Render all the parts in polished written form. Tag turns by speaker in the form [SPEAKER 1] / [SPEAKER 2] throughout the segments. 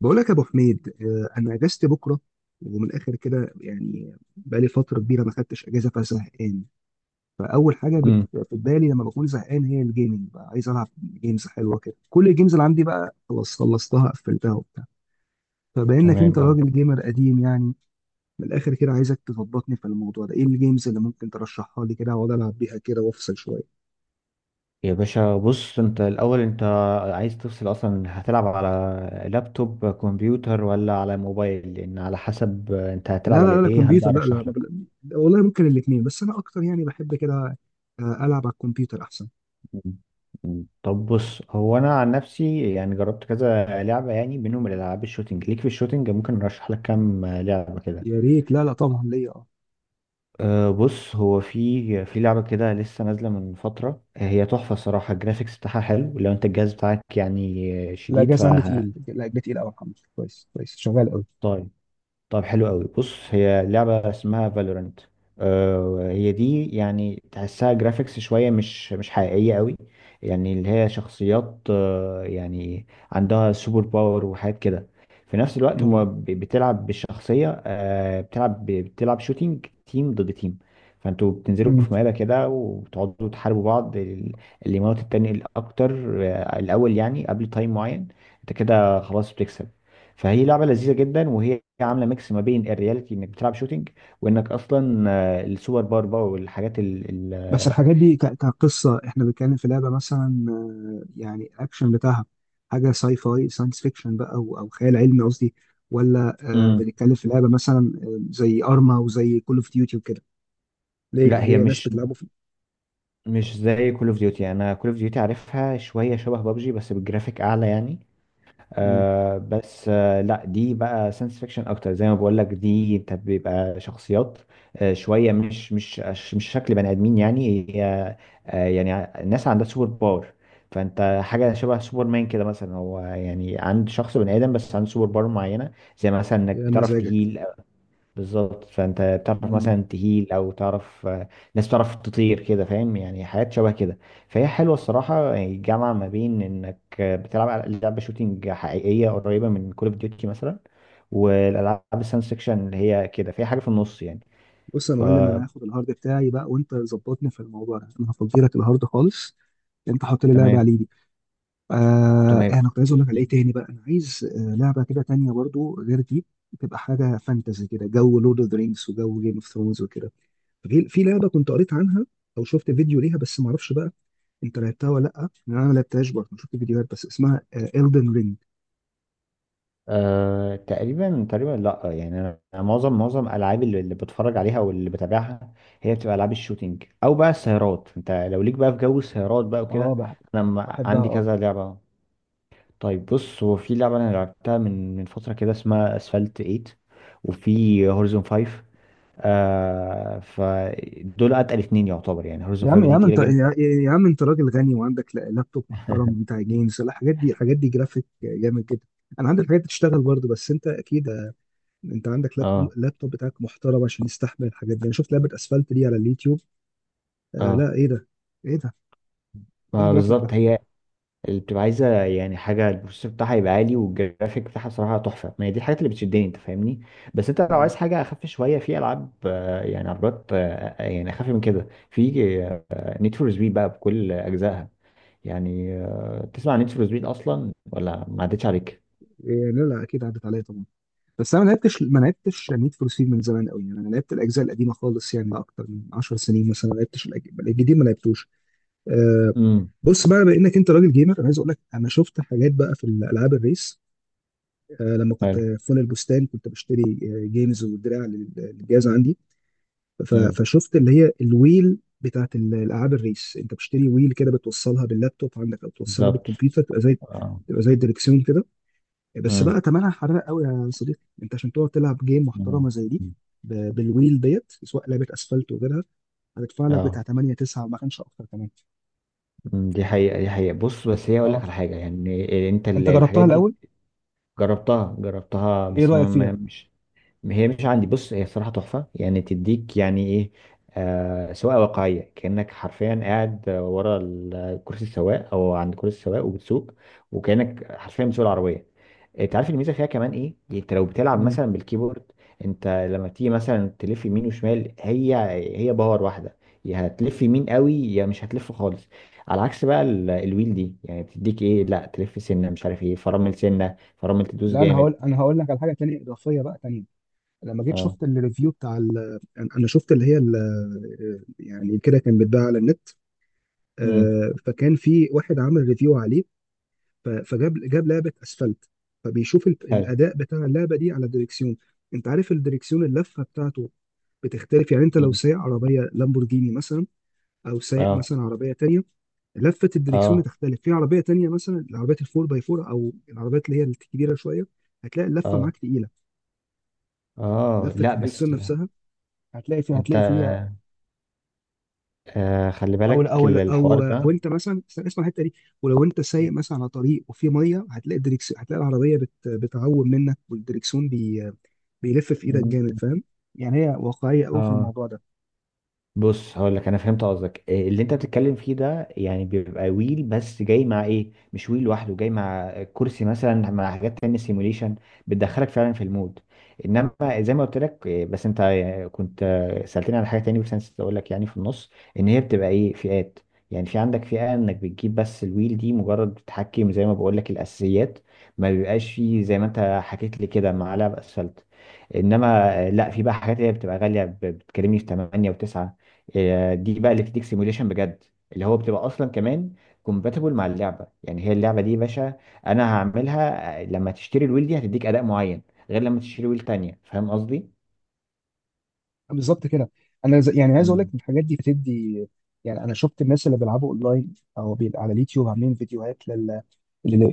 [SPEAKER 1] بقول لك يا ابو حميد، انا اجازتي بكره، ومن الاخر كده يعني بقالي فتره كبيره ما خدتش اجازه فزهقان. فاول حاجه
[SPEAKER 2] امم،
[SPEAKER 1] في بالي لما بكون زهقان هي الجيمنج، بقى عايز العب جيمز حلوه كده. كل الجيمز اللي عندي بقى خلاص خلصتها قفلتها وبتاع. فبانك انت
[SPEAKER 2] تمام، اه.
[SPEAKER 1] راجل جيمر قديم يعني. من الاخر كده عايزك تظبطني في الموضوع ده، ايه الجيمز اللي ممكن ترشحها لي كده اقعد العب بيها كده وافصل شويه؟
[SPEAKER 2] يا باشا، بص انت الاول، انت عايز تفصل اصلا هتلعب على لابتوب كمبيوتر ولا على موبايل؟ لان على حسب انت هتلعب
[SPEAKER 1] لا
[SPEAKER 2] على
[SPEAKER 1] لا لا،
[SPEAKER 2] ايه هبدأ
[SPEAKER 1] كمبيوتر، لا لا،
[SPEAKER 2] ارشح
[SPEAKER 1] ما
[SPEAKER 2] لك.
[SPEAKER 1] بل... والله ممكن الاثنين، بس انا اكتر يعني بحب كده، آه، العب على الكمبيوتر احسن.
[SPEAKER 2] مم. مم. طب بص، هو انا عن نفسي يعني جربت كذا لعبة، يعني منهم الالعاب الشوتينج. ليك في الشوتينج ممكن ارشح لك كام لعبة كده.
[SPEAKER 1] يا ريت، لا لا طبعا ليا، اه.
[SPEAKER 2] أه، بص هو في لعبة كده لسه نازلة من فترة، هي تحفة الصراحة. الجرافيكس بتاعها حلو، لو انت الجهاز بتاعك يعني
[SPEAKER 1] لا،
[SPEAKER 2] شديد.
[SPEAKER 1] جاز عندي تقيل، لا ده تقيل قوي الحمد لله، كويس كويس شغال قوي.
[SPEAKER 2] طيب. طب حلو قوي. بص هي لعبة اسمها فالورنت. آه هي دي يعني تحسها جرافيكس شوية مش حقيقية قوي. يعني اللي هي شخصيات، آه يعني عندها سوبر باور وحاجات كده. في نفس الوقت
[SPEAKER 1] مم.
[SPEAKER 2] هما بتلعب بالشخصية، آه بتلعب بتلعب شوتينج، تيم ضد تيم. فانتوا بتنزلوا
[SPEAKER 1] مم.
[SPEAKER 2] في مقابلة كده وتقعدوا تحاربوا بعض. اللي يموت التاني الأكتر الأول، يعني قبل تايم معين انت كده خلاص بتكسب. فهي لعبه لذيذه جدا، وهي عامله ميكس ما بين الرياليتي انك بتلعب شوتينج، وانك اصلا السوبر باور بقى، والحاجات ال
[SPEAKER 1] بس الحاجات دي كقصه، احنا بنتكلم في لعبه مثلا يعني الاكشن بتاعها حاجه ساي فاي، ساينس فيكشن بقى، او خيال علمي قصدي، ولا
[SPEAKER 2] مم.
[SPEAKER 1] بنتكلم في لعبه مثلا زي ارما وزي كول اوف ديوتي وكده؟ ليه
[SPEAKER 2] لا هي
[SPEAKER 1] ليه ناس
[SPEAKER 2] مش
[SPEAKER 1] بتلعبوا في.
[SPEAKER 2] مش زي كول اوف ديوتي. انا كول اوف ديوتي عارفها، شويه شبه بابجي بس بالجرافيك اعلى يعني.
[SPEAKER 1] مم.
[SPEAKER 2] آه بس آه لا دي بقى ساينس فيكشن اكتر. زي ما بقول لك، دي انت بيبقى شخصيات شويه مش شكل بني ادمين يعني. هي يعني الناس عندها سوبر باور. فانت حاجه شبه سوبر مان كده مثلا. هو يعني عند شخص بني ادم، بس عنده سوبر باور معينه، زي مثلا انك
[SPEAKER 1] يا
[SPEAKER 2] بتعرف
[SPEAKER 1] مزاجك.
[SPEAKER 2] تهيل. بالظبط، فانت تعرف
[SPEAKER 1] مم.
[SPEAKER 2] مثلا تهيل، او تعرف ناس تعرف تطير كده، فاهم؟ يعني حاجات شبه كده. فهي حلوه الصراحه. يعني الجامعه ما بين انك بتلعب على لعبه شوتينج حقيقيه قريبه من كول اوف ديوتي مثلا، والالعاب الساينس فيكشن اللي هي كده فيها حاجه في النص يعني.
[SPEAKER 1] بص يا معلم، انا
[SPEAKER 2] فتمام.
[SPEAKER 1] هاخد الهارد بتاعي بقى وانت ظبطني في الموضوع ده، انا هفضي لك الهارد خالص، انت حط لي لعبه عليه. آه،
[SPEAKER 2] تمام.
[SPEAKER 1] انا كنت عايز اقول لك على ايه تاني بقى، انا عايز لعبه كده تانية برضو غير دي، تبقى حاجه فانتزي كده، جو لورد اوف ذا رينجز وجو جيم اوف ثرونز وكده. في لعبه كنت قريت عنها او شفت فيديو ليها، بس ما اعرفش بقى انت لعبتها ولا لا، لان انا ما لعبتهاش برضه، شفت فيديوهات بس. اسمها الدن رينج.
[SPEAKER 2] أه تقريبا تقريبا، لا يعني انا معظم الالعاب اللي بتفرج عليها واللي بتابعها هي بتبقى العاب الشوتينج، او بقى السيارات. انت لو ليك بقى في جو السيارات بقى
[SPEAKER 1] اه
[SPEAKER 2] وكده، انا
[SPEAKER 1] بحبها
[SPEAKER 2] عندي
[SPEAKER 1] اه.
[SPEAKER 2] كذا لعبه. طيب بص، هو في لعبه انا لعبتها من فتره كده، اسمها اسفلت 8، وفي هورزون 5. آه فدول اتقل اتنين يعتبر، يعني هورزون
[SPEAKER 1] يا عم
[SPEAKER 2] 5
[SPEAKER 1] يا
[SPEAKER 2] دي
[SPEAKER 1] عم
[SPEAKER 2] تقيله
[SPEAKER 1] انت،
[SPEAKER 2] جدا.
[SPEAKER 1] يا عم انت راجل غني وعندك لابتوب محترم بتاع جيمز، لا، الحاجات دي الحاجات دي جرافيك جامد جدا. انا عندي الحاجات دي تشتغل برضه، بس انت اكيد انت عندك لابتوب
[SPEAKER 2] اه.
[SPEAKER 1] لابتوب بتاعك محترم عشان يستحمل الحاجات دي. انا شفت لعبه اسفلت دي على اليوتيوب، آه
[SPEAKER 2] اه،
[SPEAKER 1] لا ايه ده، ايه ده، ايه
[SPEAKER 2] ما
[SPEAKER 1] الجرافيك ده.
[SPEAKER 2] بالظبط هي اللي بتبقى عايزه يعني حاجه، البروسيسور بتاعها يبقى عالي، والجرافيك بتاعها صراحه تحفه. ما هي دي الحاجات اللي بتشدني، انت فاهمني. بس انت لو
[SPEAKER 1] مم.
[SPEAKER 2] عايز حاجه اخف شويه، في العاب، يعني عربيات، يعني اخف من كده، في نيد فور سبيد بقى بكل اجزائها. يعني تسمع نيد فور سبيد اصلا ولا ما عدتش عليك؟
[SPEAKER 1] إيه لا لا اكيد عدت عليا طبعا، بس انا ما لعبتش نيد فور سبيد من زمان قوي يعني. انا لعبت الاجزاء القديمه خالص، يعني اكتر من 10 سنين مثلا، ما لعبتش الجديد ما لعبتوش. آه،
[SPEAKER 2] امم،
[SPEAKER 1] بص بقى بانك انت راجل جيمر، انا عايز اقول لك انا شفت حاجات بقى في الالعاب الريس. آه، لما كنت
[SPEAKER 2] حلو.
[SPEAKER 1] في فن البستان كنت بشتري جيمز ودراع للجهاز عندي.
[SPEAKER 2] امم،
[SPEAKER 1] فشفت اللي هي الويل بتاعت الالعاب الريس. انت بتشتري ويل كده بتوصلها باللابتوب عندك او توصلها
[SPEAKER 2] بالظبط.
[SPEAKER 1] بالكمبيوتر، تبقى زي،
[SPEAKER 2] اه.
[SPEAKER 1] تبقى زي الدركسيون كده. بس
[SPEAKER 2] امم،
[SPEAKER 1] بقى تمنها حراق قوي يا صديقي، انت عشان تقعد تلعب جيم محترمه
[SPEAKER 2] أمم.
[SPEAKER 1] زي دي بالويل ديت، سواء لعبه اسفلت وغيرها، هتدفع لك بتاع
[SPEAKER 2] اه.
[SPEAKER 1] 8 9، ما كانش اكتر كمان.
[SPEAKER 2] أمم، دي حقيقة. دي حقيقة، بص بس هي اقول لك
[SPEAKER 1] اه
[SPEAKER 2] على حاجة. يعني انت
[SPEAKER 1] انت جربتها
[SPEAKER 2] الحاجات دي،
[SPEAKER 1] الاول؟
[SPEAKER 2] جربتها جربتها
[SPEAKER 1] ايه
[SPEAKER 2] بس
[SPEAKER 1] رايك فيها؟
[SPEAKER 2] مش، هي مش عندي. بص هي الصراحة تحفة، يعني تديك يعني ايه، سواقة واقعية، كأنك حرفيا قاعد ورا كرسي السواق، او عند كرسي السواق وبتسوق، وكأنك حرفيا بتسوق العربية. انت عارف الميزة فيها كمان ايه؟ يعني انت لو بتلعب
[SPEAKER 1] مم.
[SPEAKER 2] مثلا بالكيبورد، انت لما تيجي مثلا تلف يمين وشمال، هي هي باور واحدة. يا هتلف يمين قوي يا مش هتلف خالص. على عكس بقى الويل دي، يعني بتديك ايه، لا تلف سنة مش عارف ايه، فرامل سنة، فرامل تدوس
[SPEAKER 1] لا انا هقول
[SPEAKER 2] جامد.
[SPEAKER 1] انا هقول لك على حاجه تانية اضافيه بقى تانية. لما جيت
[SPEAKER 2] اه.
[SPEAKER 1] شفت الريفيو بتاع انا شفت اللي هي يعني كده كان بيتباع على النت.
[SPEAKER 2] امم،
[SPEAKER 1] آه، فكان في واحد عمل ريفيو عليه، فجاب، جاب لعبه اسفلت، فبيشوف
[SPEAKER 2] حلو.
[SPEAKER 1] الاداء بتاع اللعبه دي على الدريكسيون. انت عارف الدريكسيون اللفه بتاعته بتختلف يعني، انت لو سايق عربيه لامبورجيني مثلا او سايق
[SPEAKER 2] اه.
[SPEAKER 1] مثلا عربيه تانية، لفه الدريكسيون
[SPEAKER 2] اه.
[SPEAKER 1] بتختلف. في عربيه تانية مثلا العربيات الفور باي فور او العربيات اللي هي الكبيره شويه، هتلاقي اللفه
[SPEAKER 2] اه.
[SPEAKER 1] معاك تقيله،
[SPEAKER 2] اه.
[SPEAKER 1] لفه
[SPEAKER 2] لا
[SPEAKER 1] الدريكسيون
[SPEAKER 2] بس
[SPEAKER 1] نفسها هتلاقي فيها
[SPEAKER 2] انت
[SPEAKER 1] هتلاقي فيها
[SPEAKER 2] خلي
[SPEAKER 1] او
[SPEAKER 2] بالك
[SPEAKER 1] او
[SPEAKER 2] الحوار
[SPEAKER 1] او او
[SPEAKER 2] ده.
[SPEAKER 1] انت مثلا، استنى اسمع الحته دي، ولو انت سايق مثلا على طريق وفي ميه، هتلاقي الدريكسون، هتلاقي العربيه بتعوم منك، والدريكسون بيلف في ايدك
[SPEAKER 2] مم.
[SPEAKER 1] جامد، فاهم؟ يعني هي واقعيه قوي في
[SPEAKER 2] اه،
[SPEAKER 1] الموضوع ده.
[SPEAKER 2] بص هقول لك انا فهمت قصدك إيه. اللي انت بتتكلم فيه ده يعني بيبقى ويل، بس جاي مع ايه، مش ويل لوحده، جاي مع كرسي مثلا، مع حاجات تانية، سيموليشن، بتدخلك فعلا في المود. انما زي ما قلت لك بس انت كنت سألتني على حاجة تانية، بس انا نسيت اقول لك يعني في النص، ان هي بتبقى ايه، فئات. يعني في عندك فئة انك بتجيب بس الويل دي، مجرد بتحكم زي ما بقول لك الاساسيات. ما بيبقاش فيه زي ما انت حكيت لي كده معلقة بأسفلت. انما لا في بقى حاجات هي بتبقى غالية، بتكلمني في 8 و9. هي دي بقى اللي بتديك سيموليشن بجد، اللي هو بتبقى اصلا كمان كومباتبل مع اللعبه. يعني هي اللعبه دي يا باشا انا هعملها. لما تشتري الويل دي هتديك اداء معين، غير لما تشتري ويل تانية. فاهم قصدي؟
[SPEAKER 1] بالظبط كده، انا يعني عايز اقول
[SPEAKER 2] مم.
[SPEAKER 1] لك الحاجات دي بتدي. يعني انا شفت الناس اللي بيلعبوا اونلاين او على اليوتيوب عاملين فيديوهات ال- ال-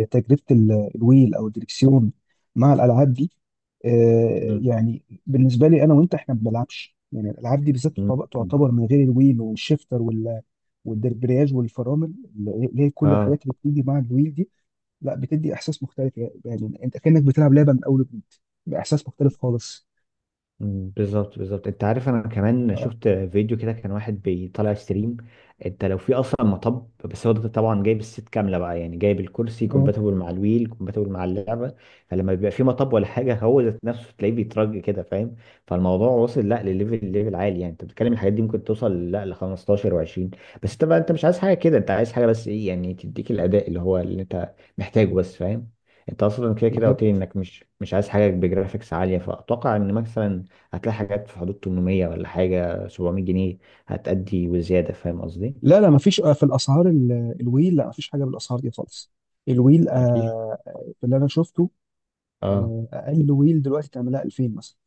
[SPEAKER 1] تجربه الويل او الدريكسيون مع الالعاب دي. آه،
[SPEAKER 2] مم.
[SPEAKER 1] يعني بالنسبه لي انا وانت، احنا ما بنلعبش يعني الالعاب دي بالذات
[SPEAKER 2] مم.
[SPEAKER 1] تعتبر
[SPEAKER 2] مم.
[SPEAKER 1] تعتبر من غير الويل والشيفتر والدربرياج والفرامل، اللي هي كل
[SPEAKER 2] اه،
[SPEAKER 1] الحاجات اللي بتيجي مع الويل دي، لا بتدي احساس مختلف. يعني انت كانك بتلعب لعبه من اول وجديد، باحساس مختلف خالص.
[SPEAKER 2] بالظبط بالظبط. انت عارف انا كمان
[SPEAKER 1] اه
[SPEAKER 2] شفت فيديو كده، كان واحد بيطلع ستريم. انت لو في اصلا مطب، بس هو ده طبعا جايب الست كامله بقى، يعني جايب الكرسي
[SPEAKER 1] اه
[SPEAKER 2] كومباتبل مع الويل، كومباتبل مع اللعبه. فلما بيبقى في مطب ولا حاجه، هو ذات نفسه تلاقيه بيترج كده، فاهم؟ فالموضوع وصل لا لليفل، ليفل عالي يعني. انت بتتكلم الحاجات دي ممكن توصل لا ل 15 و20. بس انت بقى، انت مش عايز حاجه كده، انت عايز حاجه بس ايه يعني تديك الاداء اللي هو اللي انت محتاجه بس، فاهم؟ انت اصلا كده كده قلت لي
[SPEAKER 1] بالظبط.
[SPEAKER 2] انك مش عايز حاجه بجرافيكس عاليه، فاتوقع ان مثلا هتلاقي حاجات في حدود 800 ولا حاجة 700 جنيه هتأدي وزيادة. فاهم قصدي؟
[SPEAKER 1] لا لا مفيش، في الاسعار الويل لا مفيش حاجه بالاسعار دي خالص. الويل آه،
[SPEAKER 2] مفيش.
[SPEAKER 1] في اللي انا شفته،
[SPEAKER 2] اه.
[SPEAKER 1] آه، اقل ويل دلوقتي تعملها 2000 مثلا.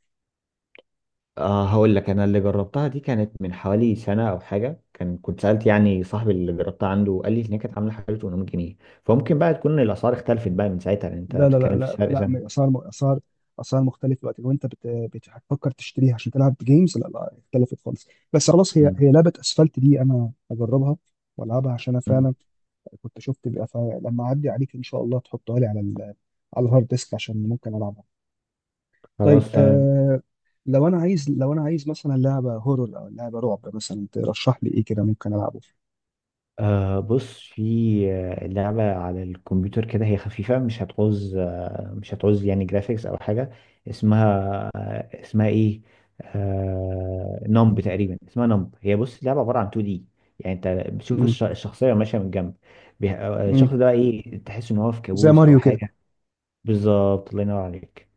[SPEAKER 2] اه هقول لك، انا اللي جربتها دي كانت من حوالي سنة او حاجة، كان كنت سألت يعني صاحبي اللي جربتها عنده، قال لي ان هي كانت عاملة حوالي 800 جنيه. فممكن بقى تكون الاسعار اختلفت بقى من ساعتها، لان انت
[SPEAKER 1] لا لا لا
[SPEAKER 2] بتتكلم في
[SPEAKER 1] لا
[SPEAKER 2] سعر
[SPEAKER 1] لا،
[SPEAKER 2] سنة.
[SPEAKER 1] اسعار مختلفه دلوقتي، لو انت هتفكر تشتريها عشان تلعب جيمز، لا لا اختلفت خالص. بس خلاص هي
[SPEAKER 2] أمم.
[SPEAKER 1] هي لعبه اسفلت دي انا هجربها والعبها، عشان انا
[SPEAKER 2] أمم.
[SPEAKER 1] فعلا كنت شفت بقى، فلما اعدي عليك ان شاء الله تحطها لي على على الهارد ديسك عشان ممكن العبها. طيب
[SPEAKER 2] خلاص تمام.
[SPEAKER 1] لو انا عايز مثلا لعبه هورور او لعبه رعب مثلا، ترشح لي ايه كده ممكن العبه؟
[SPEAKER 2] أه بص، في لعبة على الكمبيوتر كده، هي خفيفة. مش هتعوز مش هتعوز يعني جرافيكس أو حاجة. اسمها اسمها إيه، نمب تقريبا اسمها نمب. هي بص لعبة عبارة عن 2D. يعني أنت بتشوف الشخصية ماشية من جنب. الشخص
[SPEAKER 1] امم
[SPEAKER 2] ده إيه، تحس إن هو في
[SPEAKER 1] زي
[SPEAKER 2] كابوس أو
[SPEAKER 1] ماريو كده.
[SPEAKER 2] حاجة. بالظبط، الله ينور عليك.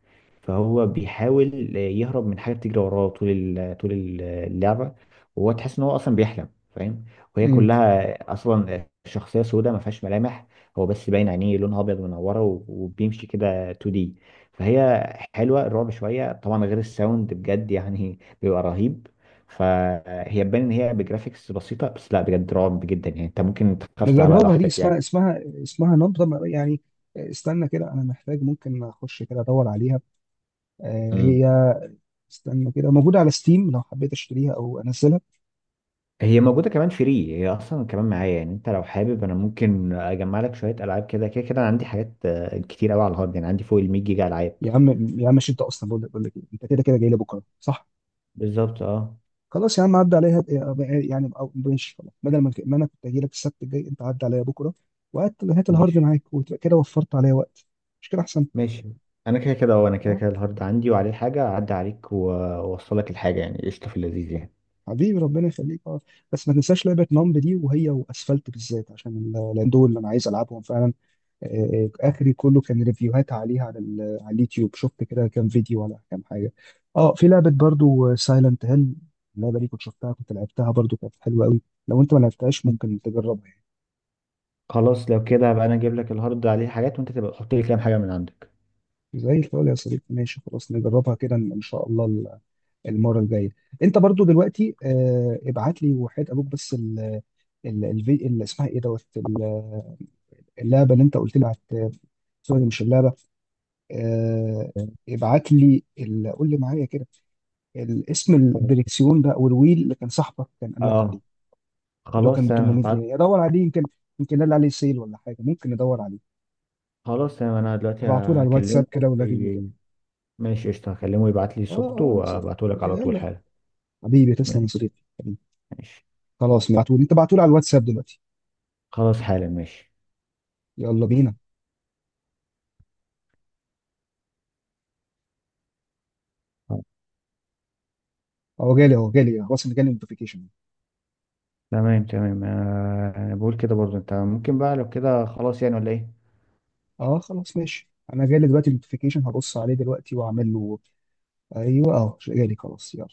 [SPEAKER 2] فهو بيحاول يهرب من حاجه بتجري وراه طول طول اللعبه. وهو تحس ان هو اصلا بيحلم، فاهم؟ وهي كلها اصلا شخصيه سوداء ما فيهاش ملامح. هو بس باين عينيه لونها ابيض منوره، وبيمشي كده 2 دي. فهي حلوه. الرعب شويه طبعا، غير الساوند بجد يعني بيبقى رهيب. فهي تبان ان هي بجرافيكس بسيطه، بس لا بجد رعب جدا يعني، انت ممكن تخاف تلعبها
[SPEAKER 1] نجربها دي،
[SPEAKER 2] لوحدك.
[SPEAKER 1] اسمها نبضة يعني استنى كده، انا محتاج ممكن اخش كده ادور عليها. آه،
[SPEAKER 2] يعني
[SPEAKER 1] هي، استنى كده، موجودة على ستيم لو حبيت اشتريها او انزلها.
[SPEAKER 2] هي موجودة كمان فري. هي أصلا كمان معايا، يعني أنت لو حابب أنا ممكن أجمع لك شوية ألعاب كده كده كده. أنا عندي حاجات كتير أوي على الهارد، يعني عندي فوق ال 100 جيجا ألعاب.
[SPEAKER 1] يا عم يا عم، مش انت اصلا بقول لك إيه، انت كده كده جاي لي بكره صح؟
[SPEAKER 2] بالظبط. أه.
[SPEAKER 1] خلاص يا عم عدى عليها، يعني أو ماشي خلاص، بدل ما انا كنت اجي لك السبت الجاي، انت عدى عليا بكره، وهات هات الهارد
[SPEAKER 2] ماشي
[SPEAKER 1] معاك، وتبقى كده وفرت عليا وقت، مش كده احسن؟
[SPEAKER 2] ماشي. أنا كده
[SPEAKER 1] اه
[SPEAKER 2] كده الهارد عندي، وعليه حاجة، أعدي عليك وأوصلك الحاجة يعني قشطة. في اللذيذ يعني.
[SPEAKER 1] حبيبي ربنا يخليك اه. بس ما تنساش لعبه نمب دي، وهي واسفلت بالذات، عشان لان دول اللي انا عايز العبهم فعلا. آه، اخري كله كان ريفيوهات عليها على على اليوتيوب، شفت كده كام فيديو ولا كام حاجه. اه في لعبه برضو سايلنت هيل، اللعبه دي كنت شفتها، كنت لعبتها برضو كانت حلوه قوي، لو انت ما لعبتهاش
[SPEAKER 2] م.
[SPEAKER 1] ممكن تجربها يعني.
[SPEAKER 2] خلاص لو كده هبقى أنا أجيب لك الهارد عليه حاجات، وأنت تبقى تحط لي كام حاجة من عندك.
[SPEAKER 1] زي الفل يا صديقي، ماشي خلاص نجربها كده إن شاء الله المره الجايه. انت برضو دلوقتي ابعت لي وحيد ابوك بس اللي اسمها ايه، دوت اللعبه اللي انت قلت لي على، سوري مش اللعبه، آه، ابعت لي قول لي معايا كده الاسم،
[SPEAKER 2] تمام.
[SPEAKER 1] الدريكسيون ده او الويل اللي كان صاحبك كان قال لك عليه،
[SPEAKER 2] أه
[SPEAKER 1] اللي هو كان
[SPEAKER 2] خلاص
[SPEAKER 1] ب
[SPEAKER 2] تمام
[SPEAKER 1] 800
[SPEAKER 2] هبعت.
[SPEAKER 1] جنيه ادور عليه يمكن، يمكن قال عليه سيل ولا حاجه، ممكن ندور عليه.
[SPEAKER 2] خلاص تمام أنا دلوقتي
[SPEAKER 1] ابعته لي على الواتساب
[SPEAKER 2] هكلمه.
[SPEAKER 1] كده ولغيني كده.
[SPEAKER 2] ي- ماشي قشطة. هكلمه يبعت لي
[SPEAKER 1] اه
[SPEAKER 2] صورته
[SPEAKER 1] اه
[SPEAKER 2] وأبعته لك على طول
[SPEAKER 1] يلا
[SPEAKER 2] حالا.
[SPEAKER 1] حبيبي تسلم يا صديقي.
[SPEAKER 2] ماشي.
[SPEAKER 1] خلاص بعتوا لي، انت بعتوا لي على الواتساب دلوقتي.
[SPEAKER 2] خلاص حالا ماشي.
[SPEAKER 1] يلا بينا. اهو جالي اهو جالي، خلاص انا جالي نوتيفيكيشن.
[SPEAKER 2] تمام تمام، انا بقول كده برضو، انت ممكن بقى لو كده خلاص يعني، ولا ايه؟
[SPEAKER 1] اه خلاص ماشي، انا جالي دلوقتي نوتيفيكيشن، هبص عليه دلوقتي واعمل له. ايوه اهو جالي، خلاص يلا.